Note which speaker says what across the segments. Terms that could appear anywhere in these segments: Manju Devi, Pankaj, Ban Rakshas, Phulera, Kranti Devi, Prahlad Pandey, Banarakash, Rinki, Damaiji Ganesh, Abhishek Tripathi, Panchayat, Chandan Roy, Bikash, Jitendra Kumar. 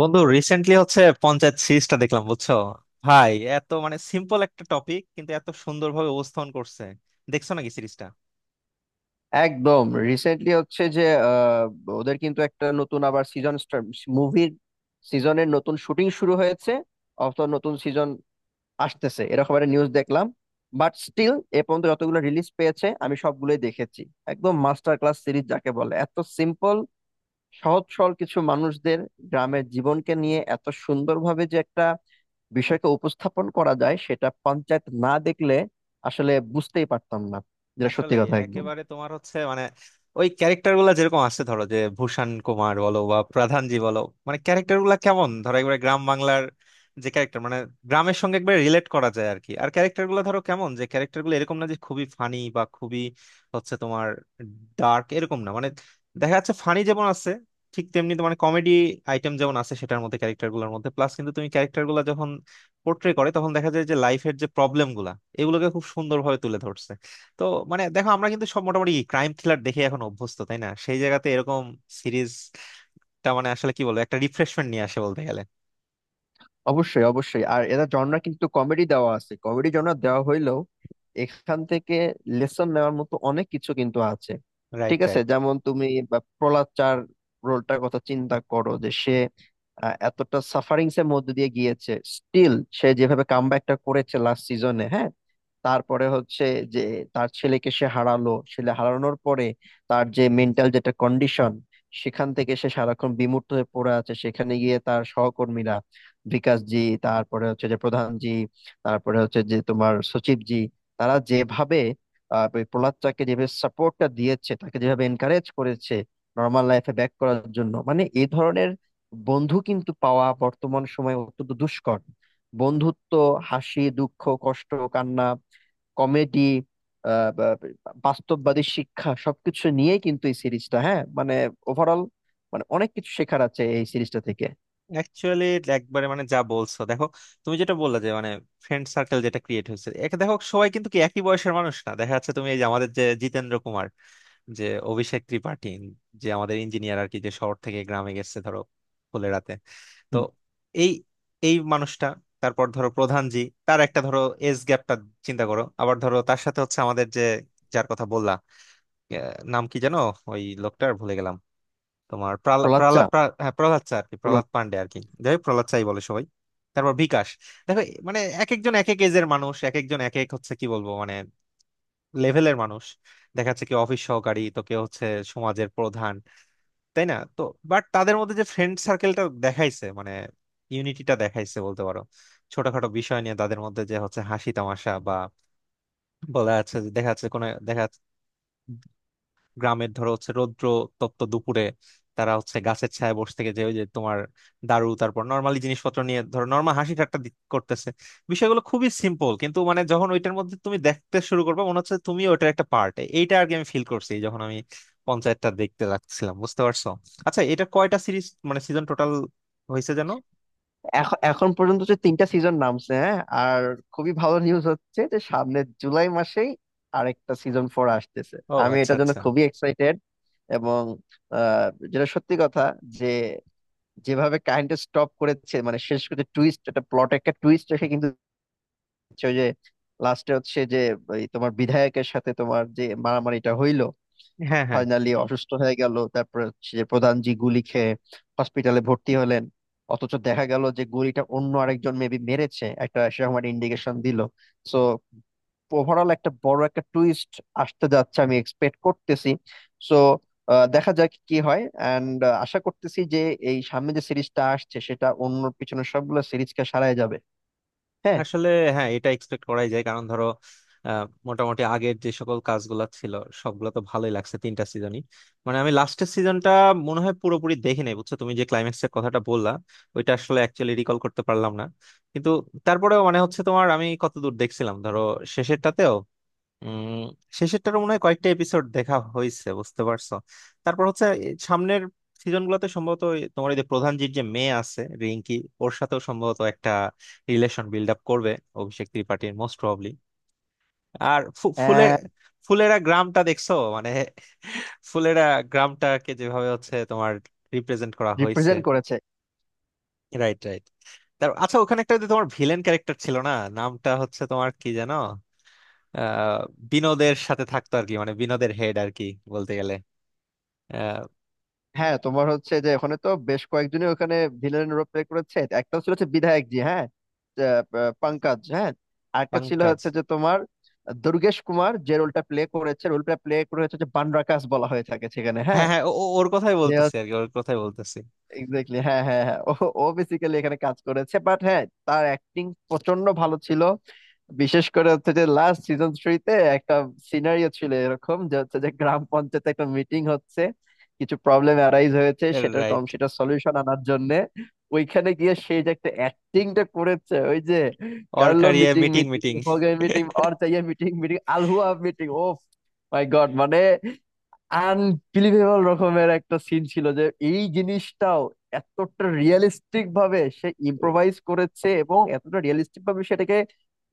Speaker 1: বন্ধু, রিসেন্টলি হচ্ছে পঞ্চায়েত সিরিজটা দেখলাম, বুঝছো ভাই? এত মানে সিম্পল একটা টপিক, কিন্তু এত সুন্দরভাবে উপস্থাপন করছে। দেখছো নাকি সিরিজটা?
Speaker 2: একদম. রিসেন্টলি হচ্ছে যে আহ, ওদের কিন্তু একটা নতুন আবার সিজন, মুভির সিজনের নতুন শুটিং শুরু হয়েছে, অথবা নতুন সিজন আসতেছে এরকম একটা নিউজ দেখলাম। বাট স্টিল এ পর্যন্ত যতগুলো রিলিজ পেয়েছে আমি সবগুলোই দেখেছি। একদম মাস্টার ক্লাস সিরিজ যাকে বলে। এত সিম্পল, সহজ সরল কিছু মানুষদের, গ্রামের জীবনকে নিয়ে এত সুন্দরভাবে যে একটা বিষয়কে উপস্থাপন করা যায়, সেটা পঞ্চায়েত না দেখলে আসলে বুঝতেই পারতাম না। যেটা সত্যি
Speaker 1: আসলে
Speaker 2: কথা একদম।
Speaker 1: একেবারে তোমার হচ্ছে মানে ওই ক্যারেক্টার গুলা যেরকম আছে, ধরো যে ভূষণ কুমার বলো বা প্রধানজি বলো। মানে ক্যারেক্টার গুলা কেমন, ধরো একবারে গ্রাম বাংলার যে ক্যারেক্টার, মানে গ্রামের সঙ্গে একবারে রিলেট করা যায় আর কি। আর ক্যারেক্টার গুলো ধরো কেমন, যে ক্যারেক্টার গুলো এরকম না যে খুবই ফানি বা খুবই হচ্ছে তোমার ডার্ক, এরকম না। মানে দেখা যাচ্ছে ফানি যেমন আছে, ঠিক তেমনি তোমার কমেডি আইটেম যেমন আছে সেটার মধ্যে, ক্যারেক্টার গুলোর মধ্যে প্লাস, কিন্তু তুমি ক্যারেক্টার গুলা যখন পোর্ট্রে করে তখন দেখা যায় যে লাইফের যে প্রবলেম গুলা, এগুলোকে খুব সুন্দরভাবে তুলে ধরছে। তো মানে দেখো, আমরা কিন্তু সব মোটামুটি ক্রাইম থ্রিলার দেখে এখন অভ্যস্ত, তাই না? সেই জায়গাতে এরকম সিরিজটা, মানে আসলে কি বলবো, একটা রিফ্রেশমেন্ট নিয়ে আসে বলতে গেলে।
Speaker 2: অবশ্যই, অবশ্যই। আর এরা জনরা কিন্তু কমেডি দেওয়া আছে, কমেডি জনরা দেওয়া হইলেও এখান থেকে লেসন নেওয়ার মতো অনেক কিছু কিন্তু আছে।
Speaker 1: রাইট,
Speaker 2: ঠিক আছে,
Speaker 1: রাইট।
Speaker 2: যেমন তুমি বা প্রহ্লাদ চার রোলটার কথা চিন্তা করো, যে সে এতটা সাফারিংস এর মধ্যে দিয়ে গিয়েছে। স্টিল সে যেভাবে কামব্যাকটা করেছে লাস্ট সিজনে, হ্যাঁ। তারপরে হচ্ছে যে তার ছেলেকে সে হারালো, ছেলে হারানোর পরে তার যে মেন্টাল যেটা কন্ডিশন, সেখান থেকে সে সারাক্ষণ বিমূর্ত হয়ে পড়ে আছে। সেখানে গিয়ে তার সহকর্মীরা, বিকাশ জি, তারপরে হচ্ছে যে প্রধান জি, তারপরে হচ্ছে যে তোমার সচিব জি, তারা যেভাবে ওই প্রহ্লাদটাকে যেভাবে সাপোর্টটা দিয়েছে, তাকে যেভাবে এনকারেজ করেছে নর্মাল লাইফে ব্যাক করার জন্য, মানে এই ধরনের বন্ধু কিন্তু পাওয়া বর্তমান সময়ে অত্যন্ত দুষ্কর। বন্ধুত্ব, হাসি, দুঃখ, কষ্ট, কান্না, কমেডি, বাস্তববাদী শিক্ষা সবকিছু নিয়েই কিন্তু এই সিরিজটা, হ্যাঁ মানে ওভারঅল, মানে অনেক কিছু শেখার আছে এই সিরিজটা থেকে।
Speaker 1: অ্যাকচুয়ালি একবারে মানে যা বলছো, দেখো তুমি যেটা বললা যে মানে ফ্রেন্ড সার্কেল যেটা ক্রিয়েট হয়েছে, একে দেখো সবাই কিন্তু কি একই বয়সের মানুষ না, দেখা যাচ্ছে তুমি এই যে আমাদের যে জিতেন্দ্র কুমার, যে অভিষেক ত্রিপাঠী, যে আমাদের ইঞ্জিনিয়ার আর কি, যে শহর থেকে গ্রামে গেছে ধরো ফুলেরাতে। তো
Speaker 2: হুম।
Speaker 1: এই এই মানুষটা, তারপর ধরো প্রধান জি, তার একটা ধরো এজ গ্যাপটা চিন্তা করো। আবার ধরো তার সাথে হচ্ছে আমাদের যে, যার কথা বললা, নাম কি জানো ওই লোকটার, ভুলে গেলাম। তোমার প্রহ্লাদ
Speaker 2: প্রহ্লাদ চা
Speaker 1: প্রহ্লাদ প্রা- হ্যাঁ, প্রহ্লাদ চা আর কি,
Speaker 2: প্রহ্লাদ
Speaker 1: প্রহ্লাদ পান্ডে আর কি, যাই হোক, প্রহ্লাদ চাই বলে সবাই। তারপর বিকাশ। দেখো, মানে এক একজন এক এক এজের মানুষ, এক একজন এক এক হচ্ছে কি বলবো মানে লেভেলের মানুষ। দেখা যাচ্ছে কি অফিস সহকারী, তো কেউ হচ্ছে সমাজের প্রধান, তাই না তো? বাট তাদের মধ্যে যে ফ্রেন্ড সার্কেলটা দেখাইছে মানে, ইউনিটিটা দেখাইছে বলতে পারো। ছোটখাটো বিষয় নিয়ে তাদের মধ্যে যে হচ্ছে হাসি তামাশা বা বলা যাচ্ছে, যে দেখা যাচ্ছে কোনো দেখা যাচ্ছে গ্রামের ধরো হচ্ছে রৌদ্র তপ্ত দুপুরে তারা হচ্ছে গাছের ছায়ায় বসে থেকে যে ওই যে তোমার দারু, তারপর নর্মালি জিনিসপত্র নিয়ে ধরো নর্মাল হাসি ঠাট্টা করতেছে। বিষয়গুলো খুবই সিম্পল, কিন্তু মানে যখন ওইটার মধ্যে তুমি দেখতে শুরু করবে, মনে হচ্ছে তুমি ওটার একটা পার্ট, এইটা আর কি। আমি ফিল করছি, যখন আমি পঞ্চায়েতটা দেখতে লাগছিলাম, বুঝতে পারছো? আচ্ছা, এটা কয়টা সিরিজ মানে সিজন টোটাল হয়েছে যেন?
Speaker 2: এখন, এখন পর্যন্ত যে তিনটা সিজন নামছে, হ্যাঁ। আর খুবই ভালো নিউজ হচ্ছে যে সামনে জুলাই মাসেই আরেকটা সিজন ফোর আসতেছে।
Speaker 1: ও,
Speaker 2: আমি
Speaker 1: আচ্ছা
Speaker 2: এটার জন্য
Speaker 1: আচ্ছা।
Speaker 2: খুবই এক্সাইটেড। এবং আহ, যেটা সত্যি কথা, যে যেভাবে কাহিনীটা স্টপ করেছে, মানে শেষ করে টুইস্ট, একটা প্লট, একটা টুইস্ট রেখে কিন্তু হচ্ছে ওই যে লাস্টে হচ্ছে যে ওই তোমার বিধায়কের সাথে তোমার যে মারামারিটা হইলো,
Speaker 1: হ্যাঁ, হ্যাঁ।
Speaker 2: ফাইনালি অসুস্থ হয়ে গেল, তারপর হচ্ছে যে প্রধান জি গুলি খেয়ে হসপিটালে ভর্তি হলেন। অথচ দেখা গেল যে গুলিটা অন্য আরেকজন মেবি মেরেছে, একটা সেরকম একটা ইন্ডিকেশন দিল। সো ওভারঅল একটা বড় একটা টুইস্ট আসতে যাচ্ছে আমি এক্সপেক্ট করতেছি। সো দেখা যাক কি হয়। অ্যান্ড আশা করতেছি যে এই সামনে যে সিরিজটা আসছে সেটা অন্য পিছনে সবগুলো সিরিজকে সারায় যাবে। হ্যাঁ,
Speaker 1: আসলে, হ্যাঁ, এটা এক্সপেক্ট করাই যায়, কারণ ধরো আহ, মোটামুটি আগের যে সকল কাজগুলো ছিল, সবগুলো তো ভালোই লাগছে তিনটা সিজনই। মানে আমি লাস্টের সিজনটা মনে হয় পুরোপুরি দেখি নাই, বুঝছো? তুমি যে ক্লাইম্যাক্সের কথাটা বললা, ওইটা আসলে অ্যাকচুয়ালি রিকল করতে পারলাম না। কিন্তু তারপরেও মানে হচ্ছে তোমার, আমি কত দূর দেখছিলাম ধরো শেষেরটাতেও, উম শেষেরটার মনে হয় কয়েকটা এপিসোড দেখা হয়েছে, বুঝতে পারছো? তারপর হচ্ছে এই সামনের সিজন গুলোতে সম্ভবত ওই তোমার এই যে প্রধান যে, যে মেয়ে আছে রিঙ্কি, ওর সাথেও সম্ভবত একটা রিলেশন বিল্ড আপ করবে অভিষেক ত্রিপাঠীর, মোস্ট প্রবাবলি। আর ফু- ফুলে ফুলেরা গ্রামটা দেখছো মানে, ফুলেরা গ্রামটাকে যেভাবে হচ্ছে তোমার রিপ্রেজেন্ট করা হয়েছে।
Speaker 2: রিপ্রেজেন্ট করেছে।
Speaker 1: Right, right. তারপর আচ্ছা, ওখানে একটা যে তোমার ভিলেন ক্যারেক্টার ছিল না, নামটা হচ্ছে তোমার কি জানো, আহ বিনোদের সাথে থাকতো আর কি, মানে বিনোদের হেড আর কি বলতে গেলে, আহ
Speaker 2: হ্যাঁ, তোমার হচ্ছে যে ওখানে তো বেশ কয়েকজনই ওখানে ভিলেনের রোল প্লে করেছে। একটা ছিল হচ্ছে বিধায়ক জি, হ্যাঁ, আহ, আহ, পঙ্কজ, হ্যাঁ। আরেকটা ছিল
Speaker 1: পাঙ্কাজ।
Speaker 2: হচ্ছে যে তোমার দুর্গেশ কুমার যে রোলটা প্লে করেছে, রোলটা প্লে করে হচ্ছে যে বানরাকাশ বলা হয়ে থাকে সেখানে,
Speaker 1: হ্যাঁ,
Speaker 2: হ্যাঁ।
Speaker 1: হ্যাঁ, ওর কথাই
Speaker 2: যে
Speaker 1: বলতেছি আর কি, ওর কথাই বলতেছি।
Speaker 2: এক্স্যাক্টলি, হ্যাঁ, হ্যাঁ, হ্যাঁ। ও ও বেসিক্যালি এখানে কাজ করেছে, বাট হ্যাঁ তার অ্যাক্টিং প্রচন্ড ভালো ছিল। বিশেষ করে হচ্ছে যে লাস্ট সিজন থ্রিতে একটা সিনারিও ছিল এরকম যে হচ্ছে যে গ্রাম পঞ্চায়েতে একটা মিটিং হচ্ছে, কিছু প্রবলেম অ্যারাইজ হয়েছে, সেটার কম,
Speaker 1: রাইট।
Speaker 2: সেটা সলিউশন আনার জন্য ওইখানে গিয়ে সেই যে একটা অ্যাক্টিংটা করেছে, ওই যে
Speaker 1: ওর
Speaker 2: কার্লো
Speaker 1: career
Speaker 2: meeting
Speaker 1: meeting
Speaker 2: meeting
Speaker 1: meeting.
Speaker 2: হোগে, মিটিং অর চাইয়ে মিটিং মিটিং আলহুয়া মিটিং। ও মাই গড, মানে আনবিলিভেবল রকমের একটা সিন ছিল যে এই জিনিসটাও এতটা রিয়েলিস্টিক ভাবে সে ইম্প্রোভাইজ করেছে এবং এতটা রিয়েলিস্টিক ভাবে সেটাকে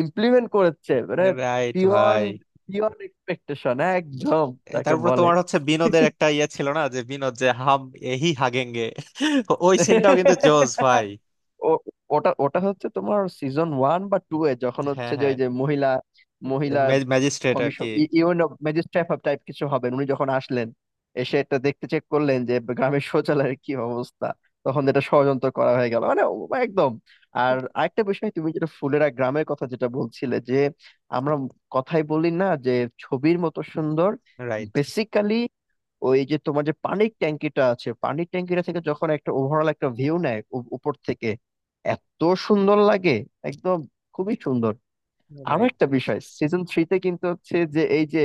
Speaker 2: ইমপ্লিমেন্ট করেছে মানে,
Speaker 1: রাইট। ভাই।
Speaker 2: বিয়ন্ড, বিয়ন্ড এক্সপেকটেশন একদম তাকে
Speaker 1: তারপর
Speaker 2: বলে।
Speaker 1: তোমার হচ্ছে বিনোদের একটা ইয়ে ছিল না যে, বিনোদ যে হাম এহি হাগেঙ্গে, ওই সিনটাও কিন্তু জোস ভাই।
Speaker 2: ও- ওটা ওটা হচ্ছে তোমার সিজন ওয়ান বা টু এ যখন
Speaker 1: হ্যাঁ,
Speaker 2: হচ্ছে যে
Speaker 1: হ্যাঁ।
Speaker 2: ওই যে মহিলা, মহিলা
Speaker 1: ম্যাজিস্ট্রেট আর
Speaker 2: কমিশন,
Speaker 1: কি।
Speaker 2: ইউন ম্যাজিস্ট্রেট অফ টাইপ কিছু হবেন উনি, যখন আসলেন, এসে এটা দেখতে চেক করলেন যে গ্রামের শৌচালয়ের কি অবস্থা, তখন এটা ষড়যন্ত্র করা হয়ে গেল মানে ও, একদম। আর আরেকটা বিষয়, তুমি যেটা ফুলেরা গ্রামের কথা যেটা বলছিলে, যে আমরা কথাই বলি না যে, ছবির মতো সুন্দর।
Speaker 1: রাইট,
Speaker 2: বেসিক্যালি ওই যে তোমার যে পানির ট্যাঙ্কিটা আছে, পানির ট্যাঙ্কিটা থেকে যখন একটা ওভারঅল একটা ভিউ নেয় উপর থেকে, এত সুন্দর লাগে। একদম, খুবই সুন্দর। আরো
Speaker 1: রাইট,
Speaker 2: একটা
Speaker 1: রাইট।
Speaker 2: বিষয়, সিজন থ্রিতে কিন্তু হচ্ছে যে এই যে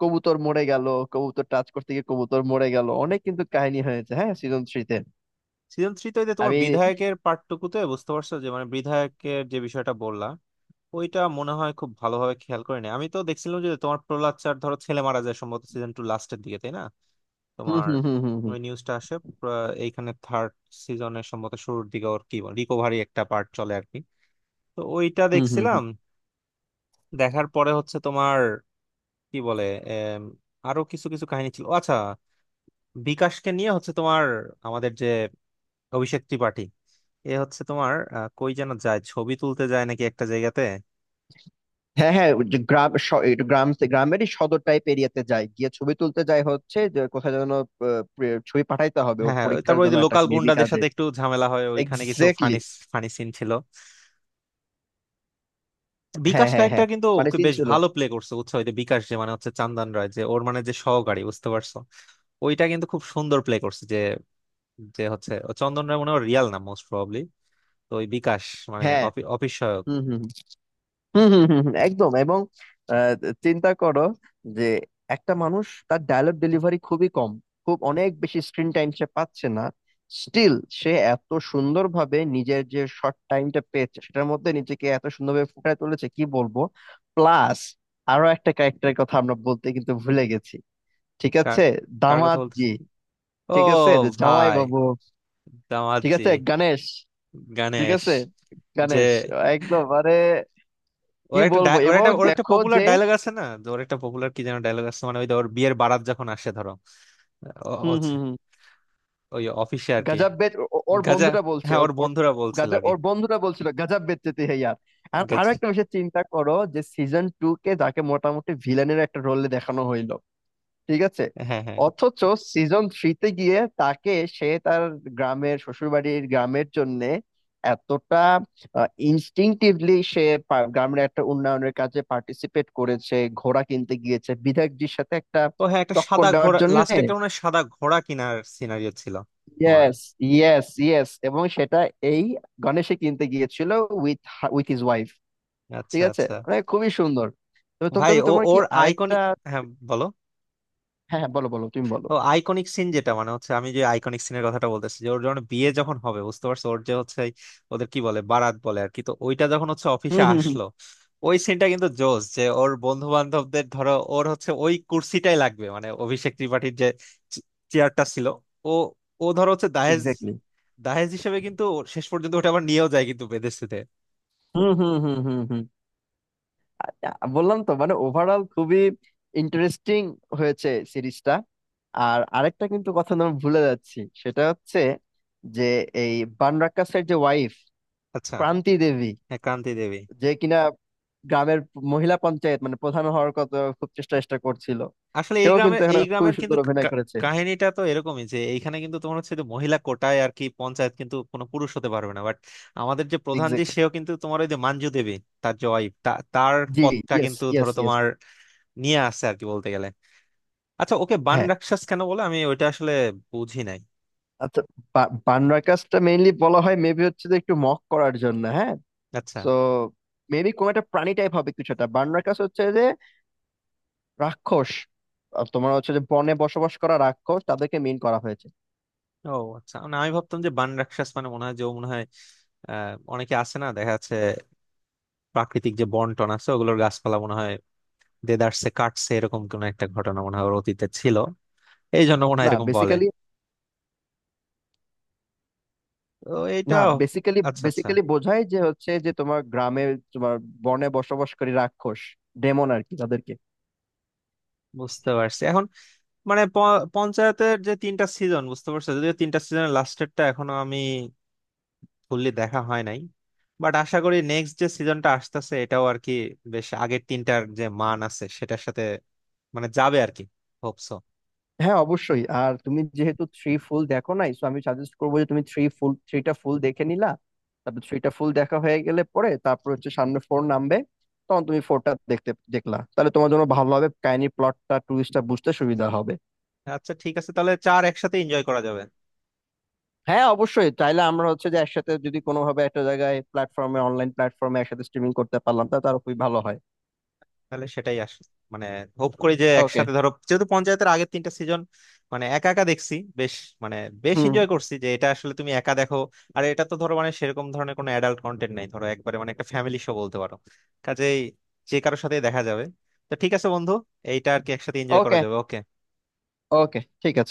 Speaker 2: কবুতর মরে গেল, কবুতর টাচ করতে গিয়ে কবুতর মরে গেল, অনেক কিন্তু কাহিনী হয়েছে, হ্যাঁ, সিজন থ্রিতে।
Speaker 1: সিজন থ্রিতে তোমার
Speaker 2: আমি
Speaker 1: বিধায়কের পার্টটুকুতে, বুঝতে পারছো, যে মানে বিধায়কের যে বিষয়টা বললা, ওইটা মনে হয় খুব ভালোভাবে খেয়াল করিনি। আমি তো দেখছিলাম যে তোমার প্রহ্লাদ চার ধরো ছেলে মারা যায় সম্ভবত সিজন টু লাস্টের দিকে, তাই না
Speaker 2: হুম,
Speaker 1: তোমার?
Speaker 2: হুম, হুম, হুম, হুম,
Speaker 1: ওই নিউজটা আসে এইখানে থার্ড সিজনের সম্ভবত শুরুর দিকে, ওর কি রিকভারি একটা পার্ট চলে আর কি, তো ওইটা
Speaker 2: হুম, হুম,
Speaker 1: দেখছিলাম।
Speaker 2: হুম।
Speaker 1: দেখার পরে হচ্ছে তোমার কি বলে, এম, আরো কিছু কিছু কাহিনী ছিল। ও, আচ্ছা, বিকাশকে নিয়ে হচ্ছে তোমার আমাদের যে অভিষেক ত্রিপাঠী, এ হচ্ছে তোমার, কই যেন যায়, ছবি তুলতে যায় নাকি একটা জায়গাতে।
Speaker 2: হ্যাঁ, হ্যাঁ, ওই যে গ্রাম, একটু গ্রাম, গ্রামেরই সদর টাইপ এরিয়াতে যায়, গিয়ে ছবি তুলতে যায়, হচ্ছে যে কোথায় যেন ছবি পাঠাইতে হবে
Speaker 1: হ্যাঁ,
Speaker 2: ওর
Speaker 1: হ্যাঁ, ওই
Speaker 2: পরীক্ষার
Speaker 1: তারপর ওই
Speaker 2: জন্য
Speaker 1: যে
Speaker 2: একটা
Speaker 1: লোকাল
Speaker 2: মেবি
Speaker 1: গুন্ডাদের
Speaker 2: কাজে।
Speaker 1: সাথে একটু ঝামেলা হয় ওইখানে, কিছু
Speaker 2: এক্স্যাক্টলি,
Speaker 1: ফানি ফানি সিন ছিল।
Speaker 2: হ্যাঁ,
Speaker 1: বিকাশ
Speaker 2: হ্যাঁ, হ্যাঁ,
Speaker 1: ক্যারেক্টার কিন্তু
Speaker 2: মানে
Speaker 1: ওকে
Speaker 2: সিন
Speaker 1: বেশ
Speaker 2: ছিল।
Speaker 1: ভালো প্লে করছে, বুঝছো? ওই যে বিকাশ, যে মানে হচ্ছে চান্দন রায়, যে ওর মানে যে সহকারী, বুঝতে পারছো? ওইটা কিন্তু খুব সুন্দর প্লে করছে, যে যে হচ্ছে ও চন্দন রায় মনে হয় রিয়াল নাম, মোস্ট প্রবাবলি। তো ওই বিকাশ মানে
Speaker 2: হ্যাঁ,
Speaker 1: অফিস সহায়ক।
Speaker 2: হুম, হুম, হম, হম, হম, হম, একদম। এবং আহ, চিন্তা করো যে একটা মানুষ, তার ডায়লগ ডেলিভারি খুবই কম, খুব অনেক বেশি স্ক্রিন টাইম সে পাচ্ছে না। স্টিল সে এত সুন্দরভাবে নিজের যে শর্ট টাইমটা পেয়েছে, সেটার মধ্যে নিজেকে এত সুন্দরভাবে ফুটিয়ে তুলেছে, কি বলবো। প্লাস আরো একটা ক্যারেক্টারের কথা আমরা বলতে কিন্তু ভুলে গেছি, ঠিক
Speaker 1: কার?
Speaker 2: আছে,
Speaker 1: কার কথা
Speaker 2: দামাত
Speaker 1: বলতে?
Speaker 2: জি।
Speaker 1: ও।
Speaker 2: ঠিক আছে, যে জামাই
Speaker 1: ভাই।
Speaker 2: বাবু। ঠিক
Speaker 1: দামাজি।
Speaker 2: আছে, গণেশ। ঠিক
Speaker 1: গণেশ।
Speaker 2: আছে,
Speaker 1: যে
Speaker 2: গণেশ। একদম আরে,
Speaker 1: ওর
Speaker 2: কি
Speaker 1: একটা
Speaker 2: বলবো।
Speaker 1: ওর
Speaker 2: এবং
Speaker 1: একটা ওর একটা
Speaker 2: দেখো
Speaker 1: পপুলার
Speaker 2: যে,
Speaker 1: ডায়লগ আছে না, যে ওর একটা পপুলার কি যেন ডায়লগ আছে মানে, ওই যে ওর বিয়ের বারাত যখন আসে ধরো,
Speaker 2: হুম,
Speaker 1: হচ্ছে
Speaker 2: হুম, হুম,
Speaker 1: ওই অফিসে আর কি।
Speaker 2: গাজা বেচ, ওর
Speaker 1: গাজা।
Speaker 2: বন্ধুটা বলছে
Speaker 1: হ্যাঁ,
Speaker 2: ওর,
Speaker 1: ওর
Speaker 2: ওর
Speaker 1: বন্ধুরা বলছিল
Speaker 2: গাজা,
Speaker 1: আর কি।
Speaker 2: ওর বন্ধুটা বলছিল গাজা বেচতে হে ইয়ার। আর আরো
Speaker 1: গাজা।
Speaker 2: একটা বিষয় চিন্তা করো, যে সিজন টু কে যাকে মোটামুটি ভিলেনের একটা রোলে দেখানো হইলো, ঠিক আছে,
Speaker 1: হ্যাঁ, হ্যাঁ।
Speaker 2: অথচ সিজন থ্রিতে গিয়ে তাকে, সে তার গ্রামের শ্বশুরবাড়ির গ্রামের জন্য এতটা ইনস্টিংটিভলি সে গ্রামের একটা উন্নয়নের কাজে পার্টিসিপেট করেছে, ঘোড়া কিনতে গিয়েছে বিধায়কজির সাথে একটা
Speaker 1: ও হ্যাঁ, একটা
Speaker 2: টক্কর
Speaker 1: সাদা
Speaker 2: দেওয়ার
Speaker 1: ঘোড়া
Speaker 2: জন্য।
Speaker 1: লাস্টে, একটা মনে হয় সাদা ঘোড়া কেনার সিনারিও ছিল তোমার।
Speaker 2: ইয়েস, ইয়েস, ইয়েস, এবং সেটা এই গণেশে কিনতে গিয়েছিল, উইথ, উইথ হিজ ওয়াইফ।
Speaker 1: আচ্ছা,
Speaker 2: ঠিক আছে,
Speaker 1: আচ্ছা।
Speaker 2: মানে খুবই সুন্দর। তবে তবে
Speaker 1: ভাই
Speaker 2: তবে
Speaker 1: ও,
Speaker 2: তোমার কি
Speaker 1: ওর
Speaker 2: আরেকটা,
Speaker 1: আইকনিক। হ্যাঁ, বলো।
Speaker 2: হ্যাঁ, হ্যাঁ, বলো, বলো, তুমি বলো।
Speaker 1: ও আইকনিক সিন যেটা মানে হচ্ছে, আমি যে আইকনিক সিনের কথাটা বলতেছি, যে ওর যখন বিয়ে যখন হবে বুঝতে পারছো, ওর যে হচ্ছে ওদের কি বলে, বারাত বলে আর কি, তো ওইটা যখন হচ্ছে
Speaker 2: হুম,
Speaker 1: অফিসে
Speaker 2: হুম, হুম,
Speaker 1: আসলো, ওই সিনটা কিন্তু জোস যে ওর বন্ধু বান্ধবদের ধরো ওর হচ্ছে ওই কুর্সিটাই লাগবে, মানে অভিষেক ত্রিপাঠীর যে চেয়ারটা ছিল। ও ও ধরো হচ্ছে দাহেজ,
Speaker 2: এক্স্যাক্টলি,
Speaker 1: দাহেজ হিসেবে কিন্তু শেষ পর্যন্ত ওটা আবার নিয়েও যায় কিন্তু বেদেশিতে।
Speaker 2: হুম, হুম, হুম, হুম, হুম। আচ্ছা, বললাম তো, মানে ওভারঅল খুবই ইন্টারেস্টিং হয়েছে সিরিজটা। আর আরেকটা কিন্তু কথা আমি ভুলে যাচ্ছি, সেটা হচ্ছে যে এই বানরাক্কাসের যে ওয়াইফ,
Speaker 1: আচ্ছা।
Speaker 2: ক্রান্তি দেবী,
Speaker 1: হ্যাঁ, ক্রান্তি দেবী।
Speaker 2: যে কিনা গ্রামের মহিলা পঞ্চায়েত মানে প্রধান হওয়ার কথা খুব চেষ্টা চেষ্টা করছিল,
Speaker 1: আসলে এই
Speaker 2: সেও কিন্তু
Speaker 1: গ্রামের,
Speaker 2: এখানে
Speaker 1: এই
Speaker 2: খুব
Speaker 1: গ্রামের
Speaker 2: সুন্দর
Speaker 1: কিন্তু
Speaker 2: অভিনয়
Speaker 1: কা-
Speaker 2: করেছে।
Speaker 1: কাহিনীটা তো এরকমই, যে এইখানে কিন্তু তোমার হচ্ছে যে মহিলা কোটায় আর কি পঞ্চায়েত, কিন্তু কোনো পুরুষ হতে পারবে না, বাট আমাদের যে প্রধান যে,
Speaker 2: এক্সাক্ট,
Speaker 1: সেও কিন্তু তোমার ওই যে মাঞ্জু দেবী তার যে wife, তার
Speaker 2: জি,
Speaker 1: পথটা
Speaker 2: ইয়েস,
Speaker 1: কিন্তু
Speaker 2: ইয়েস,
Speaker 1: ধরো
Speaker 2: ইয়েস।
Speaker 1: তোমার নিয়ে আসছে আর কি বলতে গেলে। আচ্ছা, ওকে বান
Speaker 2: হ্যাঁ,
Speaker 1: রাক্ষস কেন বলে, আমি ওইটা আসলে বুঝি নাই।
Speaker 2: আচ্ছা, বানরা কাজটা মেইনলি বলা হয় মেবি হচ্ছে যে একটু মক করার জন্য, হ্যাঁ।
Speaker 1: আচ্ছা।
Speaker 2: তো মেবি কোন একটা প্রাণী টাইপ হবে কিছুটা, বানরা কাজ হচ্ছে যে রাক্ষস, আর তোমার হচ্ছে যে বনে বসবাস করা রাক্ষস তাদেরকে মেইন করা হয়েছে।
Speaker 1: ও আচ্ছা, না, আমি ভাবতাম যে বান রাক্ষস মানে মনে হয় যে ও মনে হয়, অনেকে আছে না, দেখা যাচ্ছে প্রাকৃতিক যে বন টন আছে ওগুলোর গাছপালা মনে হয় দেদারসে কাটছে, এরকম কোন একটা ঘটনা মনে হয় ওর অতীতে ছিল, এই জন্য মনে হয়
Speaker 2: না
Speaker 1: এরকম বলে।
Speaker 2: বেসিক্যালি,
Speaker 1: তো এইটা।
Speaker 2: না বেসিক্যালি,
Speaker 1: আচ্ছা, আচ্ছা।
Speaker 2: বেসিক্যালি বোঝায় যে হচ্ছে যে তোমার গ্রামে, তোমার বনে বসবাসকারী রাক্ষস, ডেমন আর কি, তাদেরকে।
Speaker 1: বুঝতে পারছি এখন। মানে পঞ্চায়েতের যে তিনটা সিজন বুঝতে পারছো, যদিও তিনটা সিজনের লাস্টেরটা এখনো আমি ফুললি দেখা হয় নাই, বাট আশা করি নেক্সট যে সিজনটা আসতেছে, এটাও আর কি বেশ আগের তিনটার যে মান আছে সেটার সাথে মানে যাবে আর কি। হোপসো।
Speaker 2: হ্যাঁ, অবশ্যই। আর তুমি যেহেতু থ্রি ফুল দেখো নাই, সো আমি সাজেস্ট করবো যে তুমি থ্রিটা ফুল দেখে নিলা। তারপর থ্রিটা ফুল দেখা হয়ে গেলে পরে, তারপর হচ্ছে সামনে ফোর নামবে, তখন তুমি ফোরটা দেখতে দেখলা, তাহলে তোমার জন্য ভালো হবে, কাহিনী প্লটটা টুইস্টটা বুঝতে সুবিধা হবে।
Speaker 1: আচ্ছা, ঠিক আছে, তাহলে চার একসাথে এনজয় করা যাবে।
Speaker 2: হ্যাঁ, অবশ্যই। তাইলে আমরা হচ্ছে যে একসাথে যদি কোনোভাবে একটা জায়গায় প্ল্যাটফর্মে, অনলাইন প্ল্যাটফর্মে একসাথে স্ট্রিমিং করতে পারলাম, তা তার খুবই ভালো হয়।
Speaker 1: তাহলে সেটাই আস, মানে হোপ করি যে
Speaker 2: ওকে,
Speaker 1: একসাথে, ধরো যেহেতু পঞ্চায়েতের আগের তিনটা সিজন মানে একা একা দেখছি, বেশ মানে বেশ
Speaker 2: হুম,
Speaker 1: এনজয় করছি, যে এটা আসলে তুমি একা দেখো। আর এটা তো ধরো মানে সেরকম ধরনের কোনো অ্যাডাল্ট কন্টেন্ট নাই ধরো, একবারে মানে একটা ফ্যামিলি শো বলতে পারো, কাজেই যে কারোর সাথে দেখা যাবে। তো ঠিক আছে বন্ধু, এইটা আর কি একসাথে এনজয় করা
Speaker 2: ওকে,
Speaker 1: যাবে, ওকে।
Speaker 2: ওকে, ঠিক আছে।